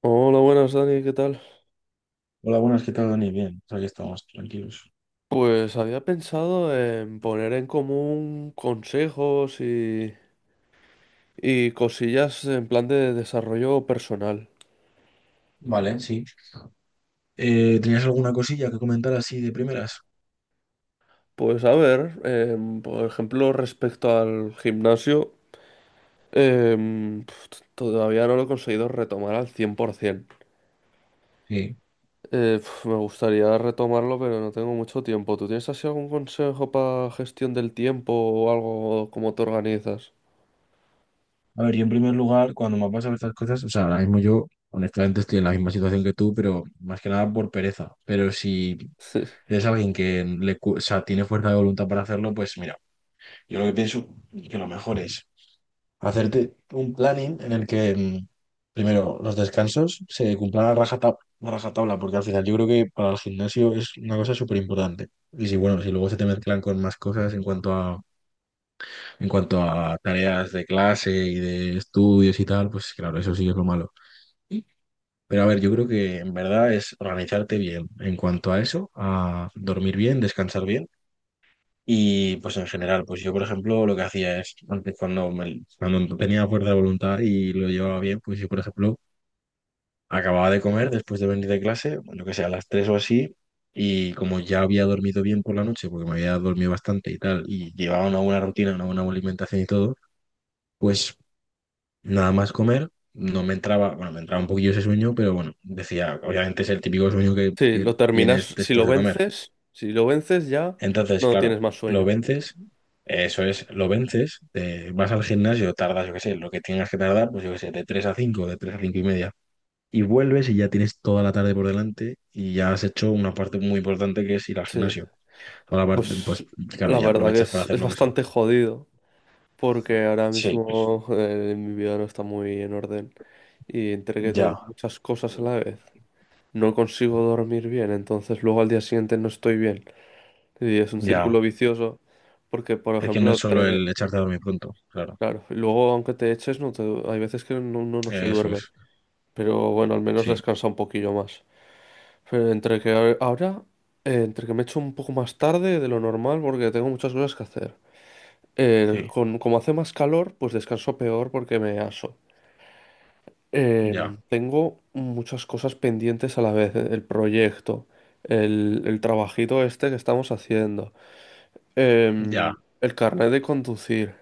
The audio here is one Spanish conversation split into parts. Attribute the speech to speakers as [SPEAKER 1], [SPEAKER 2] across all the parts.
[SPEAKER 1] Hola, buenas Dani, ¿qué tal?
[SPEAKER 2] Hola, buenas, ¿qué tal, Dani? Bien, pues aquí estamos, tranquilos.
[SPEAKER 1] Pues había pensado en poner en común consejos y cosillas en plan de desarrollo personal.
[SPEAKER 2] Vale, sí. ¿Tenías alguna cosilla que comentar así de primeras?
[SPEAKER 1] Pues a ver, por ejemplo, respecto al gimnasio, todavía no lo he conseguido retomar al 100%.
[SPEAKER 2] Sí.
[SPEAKER 1] Me gustaría retomarlo, pero no tengo mucho tiempo. ¿Tú tienes así algún consejo para gestión del tiempo o algo, cómo te organizas?
[SPEAKER 2] A ver, yo en primer lugar, cuando me pasan estas cosas, o sea, ahora mismo yo, honestamente, estoy en la misma situación que tú, pero más que nada por pereza. Pero si eres alguien que o sea, tiene fuerza de voluntad para hacerlo, pues mira, yo lo que pienso que lo mejor es hacerte un planning en el que, primero, los descansos se cumplan a rajatabla, porque al final yo creo que para el gimnasio es una cosa súper importante. Y si, bueno, si luego se te mezclan con más cosas en cuanto a tareas de clase y de estudios y tal, pues claro, eso sí que es lo malo. Pero a ver, yo creo que en verdad es organizarte bien en cuanto a eso, a dormir bien, descansar bien, y pues en general, pues yo por ejemplo lo que hacía es, antes cuando tenía fuerza de voluntad y lo llevaba bien, pues yo por ejemplo acababa de comer después de venir de clase, yo que sé, a las 3 o así, y como ya había dormido bien por la noche, porque me había dormido bastante y tal, y llevaba una buena rutina, una buena alimentación y todo, pues nada más comer, no me entraba, bueno, me entraba un poquillo ese sueño, pero bueno, decía, obviamente es el típico sueño
[SPEAKER 1] Sí,
[SPEAKER 2] que
[SPEAKER 1] lo
[SPEAKER 2] tienes
[SPEAKER 1] terminas, si lo
[SPEAKER 2] después de comer.
[SPEAKER 1] vences, si lo vences ya
[SPEAKER 2] Entonces,
[SPEAKER 1] no
[SPEAKER 2] claro,
[SPEAKER 1] tienes más
[SPEAKER 2] lo
[SPEAKER 1] sueño.
[SPEAKER 2] vences, eso es, lo vences, te vas al gimnasio, tardas, yo qué sé, lo que tengas que tardar, pues yo qué sé, de 3 a 5 y media. Y vuelves y ya tienes toda la tarde por delante y ya has hecho una parte muy importante que es ir al
[SPEAKER 1] Sí,
[SPEAKER 2] gimnasio. Toda la parte, pues
[SPEAKER 1] pues
[SPEAKER 2] claro,
[SPEAKER 1] la
[SPEAKER 2] ya
[SPEAKER 1] verdad que
[SPEAKER 2] aprovechas para
[SPEAKER 1] es,
[SPEAKER 2] hacer
[SPEAKER 1] es
[SPEAKER 2] lo que sea.
[SPEAKER 1] bastante jodido porque ahora
[SPEAKER 2] Sí,
[SPEAKER 1] mismo mi vida no está muy en orden y entre que tengo
[SPEAKER 2] ya,
[SPEAKER 1] muchas cosas a la vez, no consigo dormir bien, entonces luego al día siguiente no estoy bien y es un
[SPEAKER 2] ya.
[SPEAKER 1] círculo vicioso porque, por
[SPEAKER 2] Es que no
[SPEAKER 1] ejemplo,
[SPEAKER 2] es solo el echarte a dormir pronto, claro.
[SPEAKER 1] claro, y luego aunque te eches, no te- hay veces que uno no se
[SPEAKER 2] Eso
[SPEAKER 1] duerme,
[SPEAKER 2] es,
[SPEAKER 1] pero bueno, al menos
[SPEAKER 2] sí,
[SPEAKER 1] descansa un poquillo más. Pero entre que ahora, entre que me echo un poco más tarde de lo normal porque tengo muchas cosas que hacer.
[SPEAKER 2] sí,
[SPEAKER 1] Como hace más calor, pues descanso peor porque me aso.
[SPEAKER 2] ya,
[SPEAKER 1] Tengo muchas cosas pendientes a la vez. El proyecto, el trabajito este que estamos haciendo,
[SPEAKER 2] ya,
[SPEAKER 1] el carnet de conducir.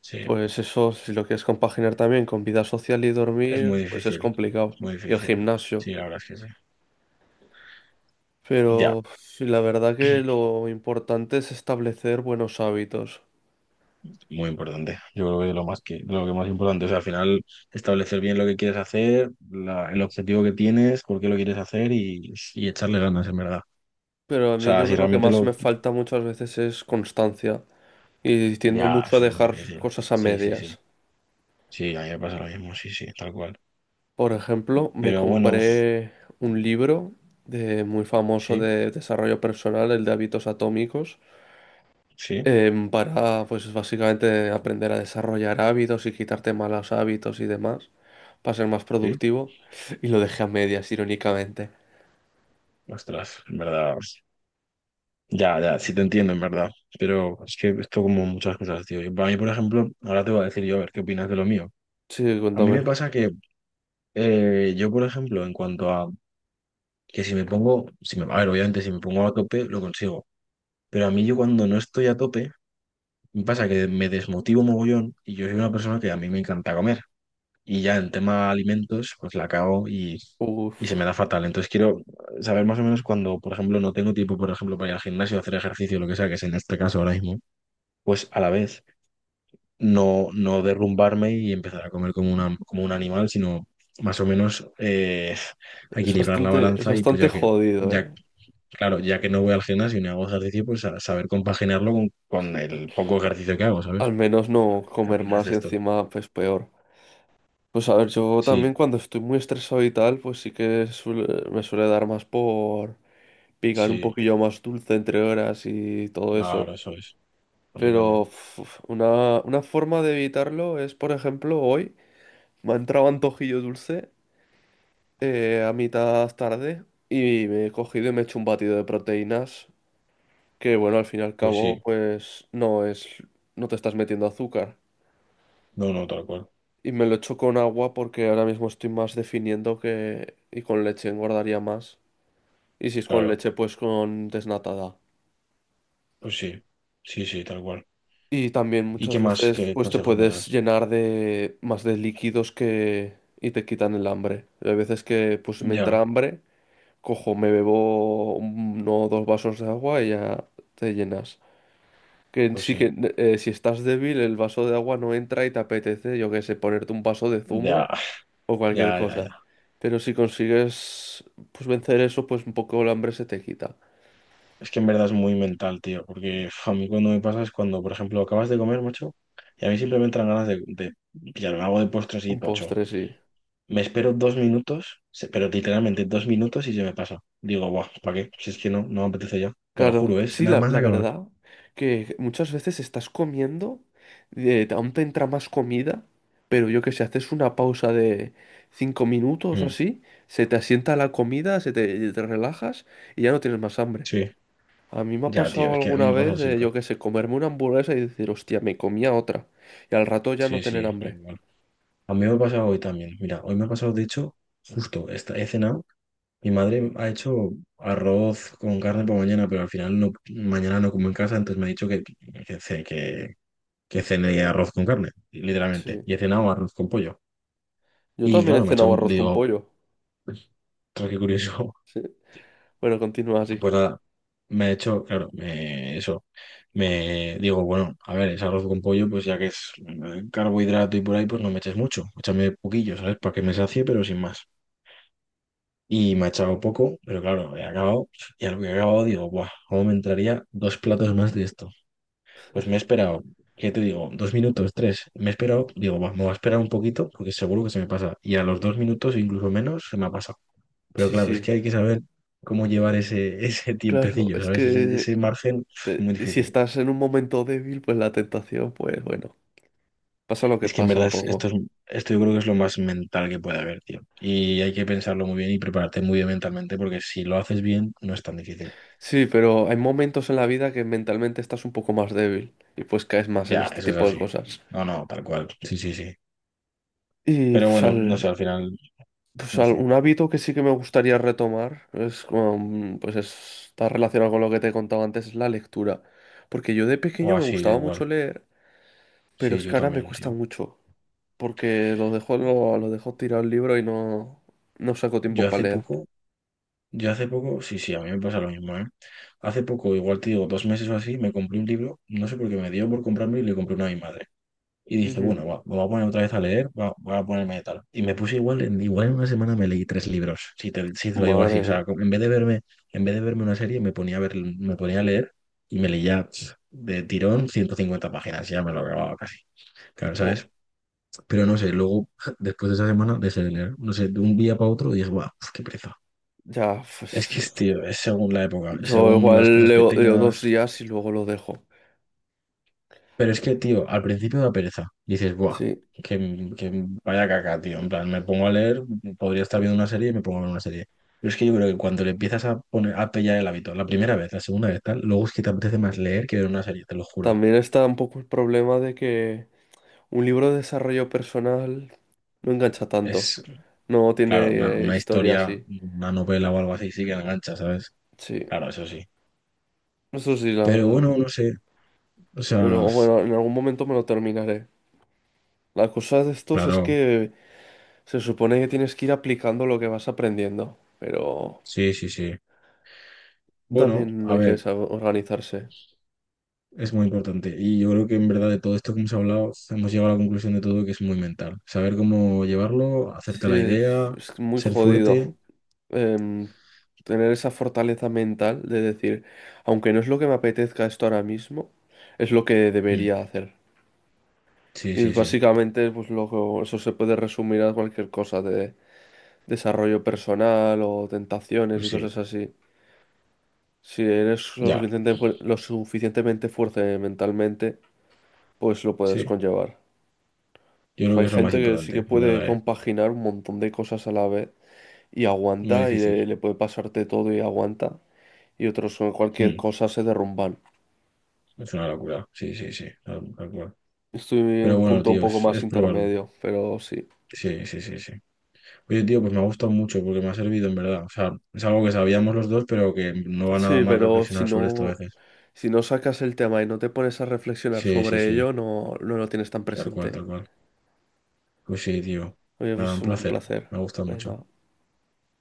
[SPEAKER 2] sí.
[SPEAKER 1] Pues eso, si lo quieres compaginar también con vida social y
[SPEAKER 2] Es muy
[SPEAKER 1] dormir, pues es
[SPEAKER 2] difícil,
[SPEAKER 1] complicado.
[SPEAKER 2] muy
[SPEAKER 1] Y el
[SPEAKER 2] difícil.
[SPEAKER 1] gimnasio.
[SPEAKER 2] Sí, la verdad es que sí. Ya.
[SPEAKER 1] Pero sí, la verdad que lo importante es establecer buenos hábitos.
[SPEAKER 2] Muy importante. Yo creo que lo que más importante es al final establecer bien lo que quieres hacer, el objetivo que tienes, por qué lo quieres hacer y echarle ganas, en verdad. O
[SPEAKER 1] Pero a mí
[SPEAKER 2] sea,
[SPEAKER 1] yo
[SPEAKER 2] si
[SPEAKER 1] creo que lo que
[SPEAKER 2] realmente
[SPEAKER 1] más
[SPEAKER 2] lo...
[SPEAKER 1] me falta muchas veces es constancia. Y tiendo
[SPEAKER 2] Ya,
[SPEAKER 1] mucho a
[SPEAKER 2] eso es muy
[SPEAKER 1] dejar
[SPEAKER 2] difícil.
[SPEAKER 1] cosas a
[SPEAKER 2] Sí, sí, sí.
[SPEAKER 1] medias.
[SPEAKER 2] Sí, a mí me pasa lo mismo, sí, sí, tal cual.
[SPEAKER 1] Por ejemplo, me
[SPEAKER 2] Pero bueno,
[SPEAKER 1] compré un libro de, muy famoso
[SPEAKER 2] sí,
[SPEAKER 1] de desarrollo personal, el de hábitos atómicos,
[SPEAKER 2] sí,
[SPEAKER 1] para pues básicamente aprender a desarrollar hábitos y quitarte malos hábitos y demás, para ser más
[SPEAKER 2] sí.
[SPEAKER 1] productivo. Y lo dejé a medias, irónicamente.
[SPEAKER 2] Ostras, en verdad. Ya, ya, sí te entiendo, en verdad. Pero es que esto como muchas cosas, tío. Y para mí, por ejemplo, ahora te voy a decir yo, a ver, ¿qué opinas de lo mío?
[SPEAKER 1] Sí,
[SPEAKER 2] A mí me
[SPEAKER 1] cuéntame.
[SPEAKER 2] pasa que yo, por ejemplo, en cuanto a que si me pongo, si me, a ver, obviamente si me pongo a tope, lo consigo. Pero a mí yo cuando no estoy a tope, me pasa que me desmotivo mogollón y yo soy una persona que a mí me encanta comer. Y ya en tema alimentos, y se
[SPEAKER 1] Uf.
[SPEAKER 2] me da fatal. Entonces quiero saber más o menos cuando, por ejemplo, no tengo tiempo, por ejemplo, para ir al gimnasio, hacer ejercicio, lo que sea, que es en este caso ahora mismo, pues a la vez no derrumbarme y empezar a comer como un animal, sino más o menos
[SPEAKER 1] Es
[SPEAKER 2] equilibrar la
[SPEAKER 1] bastante, es
[SPEAKER 2] balanza y pues
[SPEAKER 1] bastante
[SPEAKER 2] ya que
[SPEAKER 1] jodido,
[SPEAKER 2] ya
[SPEAKER 1] ¿eh?
[SPEAKER 2] claro, ya que no voy al gimnasio ni hago ejercicio, pues a saber compaginarlo
[SPEAKER 1] Sí,
[SPEAKER 2] con el poco ejercicio que hago,
[SPEAKER 1] al
[SPEAKER 2] ¿sabes?
[SPEAKER 1] menos no
[SPEAKER 2] ¿Qué
[SPEAKER 1] comer
[SPEAKER 2] opinas de
[SPEAKER 1] más y
[SPEAKER 2] esto?
[SPEAKER 1] encima, pues peor. Pues a ver, yo
[SPEAKER 2] Sí,
[SPEAKER 1] también cuando estoy muy estresado y tal, pues sí que me suele dar más por picar un
[SPEAKER 2] sí,
[SPEAKER 1] poquillo más dulce entre horas y todo eso.
[SPEAKER 2] claro, eso es. A mí
[SPEAKER 1] Pero
[SPEAKER 2] también.
[SPEAKER 1] uf, una forma de evitarlo es, por ejemplo, hoy me ha entrado antojillo dulce a mitad tarde y me he cogido y me he hecho un batido de proteínas que, bueno, al fin y al
[SPEAKER 2] Pues
[SPEAKER 1] cabo,
[SPEAKER 2] sí,
[SPEAKER 1] no te estás metiendo azúcar.
[SPEAKER 2] no, no, tal cual.
[SPEAKER 1] Y me lo echo con agua porque ahora mismo estoy más definiendo que... Y con leche engordaría más. Y si es con
[SPEAKER 2] Claro,
[SPEAKER 1] leche, pues con desnatada.
[SPEAKER 2] pues sí, sí, sí, tal cual.
[SPEAKER 1] Y también
[SPEAKER 2] ¿Y qué
[SPEAKER 1] muchas
[SPEAKER 2] más,
[SPEAKER 1] veces
[SPEAKER 2] qué
[SPEAKER 1] pues te
[SPEAKER 2] consejos me
[SPEAKER 1] puedes
[SPEAKER 2] das?
[SPEAKER 1] llenar de más de líquidos que... y te quitan el hambre. Hay veces que pues me entra
[SPEAKER 2] Ya,
[SPEAKER 1] hambre, cojo, me bebo uno o dos vasos de agua y ya te llenas. Que
[SPEAKER 2] pues
[SPEAKER 1] sí que
[SPEAKER 2] sí,
[SPEAKER 1] si estás débil, el vaso de agua no entra y te apetece, yo qué sé, ponerte un vaso de
[SPEAKER 2] ya,
[SPEAKER 1] zumo o cualquier
[SPEAKER 2] ya, ya, ya.
[SPEAKER 1] cosa. Pero si consigues pues vencer eso, pues un poco el hambre se te quita.
[SPEAKER 2] Es que en verdad es muy mental, tío, porque uf, a mí cuando me pasa es cuando, por ejemplo, acabas de comer, macho, y a mí simplemente me entran ganas de pillarme algo de postre así,
[SPEAKER 1] Un
[SPEAKER 2] tocho.
[SPEAKER 1] postre, sí.
[SPEAKER 2] Me espero dos minutos, pero literalmente dos minutos y se me pasa. Digo, guau, ¿para qué? Si es que no, no me apetece ya. Te lo
[SPEAKER 1] Claro,
[SPEAKER 2] juro, es
[SPEAKER 1] sí,
[SPEAKER 2] nada
[SPEAKER 1] la,
[SPEAKER 2] más
[SPEAKER 1] la
[SPEAKER 2] acabar.
[SPEAKER 1] verdad que muchas veces estás comiendo, aún te entra más comida, pero yo que sé, haces una pausa de cinco minutos o
[SPEAKER 2] Mm,
[SPEAKER 1] así, se te asienta la comida, te relajas y ya no tienes más hambre.
[SPEAKER 2] sí,
[SPEAKER 1] A mí me ha
[SPEAKER 2] ya, tío,
[SPEAKER 1] pasado
[SPEAKER 2] es que a mí
[SPEAKER 1] alguna
[SPEAKER 2] me pasa
[SPEAKER 1] vez,
[SPEAKER 2] siempre.
[SPEAKER 1] yo que sé, comerme una hamburguesa y decir, hostia, me comía otra. Y al rato ya no
[SPEAKER 2] Sí,
[SPEAKER 1] tener
[SPEAKER 2] sí,
[SPEAKER 1] hambre.
[SPEAKER 2] igual. A mí me ha pasado hoy también. Mira, hoy me ha pasado, de hecho, he cenado. Mi madre ha hecho arroz con carne para mañana, pero al final no, mañana no como en casa, entonces me ha dicho que, ce- que, que cene arroz con carne, literalmente.
[SPEAKER 1] Sí.
[SPEAKER 2] Y he cenado arroz con pollo.
[SPEAKER 1] Yo
[SPEAKER 2] Y
[SPEAKER 1] también he
[SPEAKER 2] claro, me ha hecho
[SPEAKER 1] cenado
[SPEAKER 2] un,
[SPEAKER 1] arroz
[SPEAKER 2] le
[SPEAKER 1] con
[SPEAKER 2] digo,
[SPEAKER 1] pollo.
[SPEAKER 2] ostras, qué curioso.
[SPEAKER 1] Sí. Bueno, continúa así.
[SPEAKER 2] Pues nada, me he hecho, claro, me, eso, me digo, bueno, a ver, es arroz con pollo, pues ya que es carbohidrato y por ahí, pues no me eches mucho, échame poquillo, ¿sabes? Para que me sacie, pero sin más. Y me ha echado poco, pero claro, he acabado, y al que he acabado digo, guau, ¿cómo me entraría dos platos más de esto? Pues me he esperado, ¿qué te digo? Dos minutos, tres. Me he esperado, digo, "Va, me voy a esperar un poquito porque seguro que se me pasa". Y a los dos minutos, incluso menos, se me ha pasado. Pero
[SPEAKER 1] Sí,
[SPEAKER 2] claro, es
[SPEAKER 1] sí.
[SPEAKER 2] que hay que saber cómo llevar ese, ese
[SPEAKER 1] Claro,
[SPEAKER 2] tiempecillo,
[SPEAKER 1] es
[SPEAKER 2] ¿sabes?
[SPEAKER 1] que
[SPEAKER 2] Ese margen es muy
[SPEAKER 1] si
[SPEAKER 2] difícil.
[SPEAKER 1] estás en un momento débil, pues la tentación, pues bueno, pasa lo que
[SPEAKER 2] Es que en
[SPEAKER 1] pasa
[SPEAKER 2] verdad
[SPEAKER 1] un poco.
[SPEAKER 2] esto yo creo que es lo más mental que puede haber, tío. Y hay que pensarlo muy bien y prepararte muy bien mentalmente porque si lo haces bien, no es tan difícil.
[SPEAKER 1] Sí, pero hay momentos en la vida que mentalmente estás un poco más débil y pues caes más en
[SPEAKER 2] Ya,
[SPEAKER 1] este
[SPEAKER 2] eso es
[SPEAKER 1] tipo de
[SPEAKER 2] así.
[SPEAKER 1] cosas.
[SPEAKER 2] No, no, tal cual. Sí, sí, sí.
[SPEAKER 1] Y
[SPEAKER 2] Pero
[SPEAKER 1] pues,
[SPEAKER 2] bueno, no sé, al final,
[SPEAKER 1] pues
[SPEAKER 2] no sé.
[SPEAKER 1] un hábito que sí que me gustaría retomar es como, pues está relacionado con lo que te he contado antes, es la lectura. Porque yo de
[SPEAKER 2] O
[SPEAKER 1] pequeño me
[SPEAKER 2] así,
[SPEAKER 1] gustaba
[SPEAKER 2] igual.
[SPEAKER 1] mucho leer, pero
[SPEAKER 2] Sí,
[SPEAKER 1] es
[SPEAKER 2] yo
[SPEAKER 1] que ahora me
[SPEAKER 2] también,
[SPEAKER 1] cuesta
[SPEAKER 2] tío.
[SPEAKER 1] mucho. Porque lo dejó tirado el libro y no sacó tiempo
[SPEAKER 2] Yo
[SPEAKER 1] para
[SPEAKER 2] hace
[SPEAKER 1] leer.
[SPEAKER 2] poco, yo hace poco, sí, sí, a mí me pasa lo mismo, ¿eh? Hace poco, igual te digo, dos meses o así, me compré un libro, no sé por qué me dio por comprarme y le compré uno a mi madre. Y dije,
[SPEAKER 1] Ujú.
[SPEAKER 2] bueno, va, me voy a poner otra vez a leer, va, voy a ponerme de tal. Y me puse igual, igual en una semana me leí tres libros, si te lo digo así.
[SPEAKER 1] Madre
[SPEAKER 2] O sea,
[SPEAKER 1] mía.
[SPEAKER 2] como en vez de verme, en vez de verme una serie, me ponía a leer y me leía pf, de tirón 150 páginas, ya me lo acababa casi. Claro,
[SPEAKER 1] Jo,
[SPEAKER 2] ¿sabes? Pero no sé, luego, después de esa semana, de ese leer, no sé, de un día para otro dije, guau, qué pereza.
[SPEAKER 1] ya, pues
[SPEAKER 2] Tío, es según la época,
[SPEAKER 1] yo
[SPEAKER 2] según las
[SPEAKER 1] igual
[SPEAKER 2] cosas que
[SPEAKER 1] leo, leo dos
[SPEAKER 2] tengas.
[SPEAKER 1] días y luego lo dejo.
[SPEAKER 2] Pero es que, tío, al principio da pereza. Dices, buah,
[SPEAKER 1] Sí,
[SPEAKER 2] que vaya caca, tío. En plan, me pongo a leer, podría estar viendo una serie y me pongo a ver una serie. Pero es que yo creo que cuando le empiezas a poner, a pillar el hábito, la primera vez, la segunda vez, tal, luego es que te apetece más leer que ver una serie, te lo juro.
[SPEAKER 1] también está un poco el problema de que un libro de desarrollo personal no engancha tanto.
[SPEAKER 2] Es,
[SPEAKER 1] No
[SPEAKER 2] claro,
[SPEAKER 1] tiene
[SPEAKER 2] una
[SPEAKER 1] historia
[SPEAKER 2] historia,
[SPEAKER 1] así.
[SPEAKER 2] una novela o algo así, sí que engancha, ¿sabes?
[SPEAKER 1] Sí,
[SPEAKER 2] Claro, eso sí.
[SPEAKER 1] eso sí, la
[SPEAKER 2] Pero
[SPEAKER 1] verdad.
[SPEAKER 2] bueno, no sé. O
[SPEAKER 1] Pero
[SPEAKER 2] sea,
[SPEAKER 1] bueno, en algún momento me lo terminaré. La cosa de estos es
[SPEAKER 2] claro,
[SPEAKER 1] que se supone que tienes que ir aplicando lo que vas aprendiendo. Pero
[SPEAKER 2] sí, sí, sí. Bueno,
[SPEAKER 1] también
[SPEAKER 2] a
[SPEAKER 1] hay que
[SPEAKER 2] ver.
[SPEAKER 1] saber organizarse.
[SPEAKER 2] Es muy importante. Y yo creo que en verdad de todo esto que hemos hablado, hemos llegado a la conclusión de todo que es muy mental. Saber cómo llevarlo, hacerte
[SPEAKER 1] Sí,
[SPEAKER 2] la idea,
[SPEAKER 1] es muy
[SPEAKER 2] ser
[SPEAKER 1] jodido
[SPEAKER 2] fuerte.
[SPEAKER 1] em, tener esa fortaleza mental de decir, aunque no es lo que me apetezca esto ahora mismo, es lo que
[SPEAKER 2] Mm,
[SPEAKER 1] debería hacer.
[SPEAKER 2] sí,
[SPEAKER 1] Y
[SPEAKER 2] sí, sí.
[SPEAKER 1] básicamente, eso se puede resumir a cualquier cosa de desarrollo personal o tentaciones
[SPEAKER 2] Pues
[SPEAKER 1] y
[SPEAKER 2] sí,
[SPEAKER 1] cosas así. Si eres
[SPEAKER 2] ya,
[SPEAKER 1] lo suficientemente fuerte mentalmente, pues lo puedes
[SPEAKER 2] sí.
[SPEAKER 1] conllevar.
[SPEAKER 2] Yo creo
[SPEAKER 1] Hay
[SPEAKER 2] que es lo más
[SPEAKER 1] gente que sí que
[SPEAKER 2] importante, de
[SPEAKER 1] puede
[SPEAKER 2] verdad, ¿eh?
[SPEAKER 1] compaginar un montón de cosas a la vez y
[SPEAKER 2] Muy
[SPEAKER 1] aguanta y
[SPEAKER 2] difícil.
[SPEAKER 1] le puede pasarte todo y aguanta. Y otros con cualquier
[SPEAKER 2] Mm,
[SPEAKER 1] cosa se derrumban.
[SPEAKER 2] es una locura. Sí, sí, sí. Tal, tal cual.
[SPEAKER 1] Estoy en
[SPEAKER 2] Pero
[SPEAKER 1] un
[SPEAKER 2] bueno,
[SPEAKER 1] punto un
[SPEAKER 2] tío,
[SPEAKER 1] poco más
[SPEAKER 2] es probarlo.
[SPEAKER 1] intermedio, pero sí.
[SPEAKER 2] Sí, sí, sí, sí. Oye, tío, pues me ha gustado mucho porque me ha servido, en verdad. O sea, es algo que sabíamos los dos, pero que no va nada
[SPEAKER 1] Sí,
[SPEAKER 2] mal
[SPEAKER 1] pero si
[SPEAKER 2] reflexionar sobre esto a
[SPEAKER 1] no,
[SPEAKER 2] veces.
[SPEAKER 1] si no sacas el tema y no te pones a reflexionar
[SPEAKER 2] Sí, sí,
[SPEAKER 1] sobre
[SPEAKER 2] sí.
[SPEAKER 1] ello, no lo tienes tan
[SPEAKER 2] Tal cual,
[SPEAKER 1] presente.
[SPEAKER 2] tal cual. Pues sí, tío.
[SPEAKER 1] Oye,
[SPEAKER 2] Nada, un
[SPEAKER 1] pues un
[SPEAKER 2] placer.
[SPEAKER 1] placer.
[SPEAKER 2] Me ha gustado mucho.
[SPEAKER 1] Venga.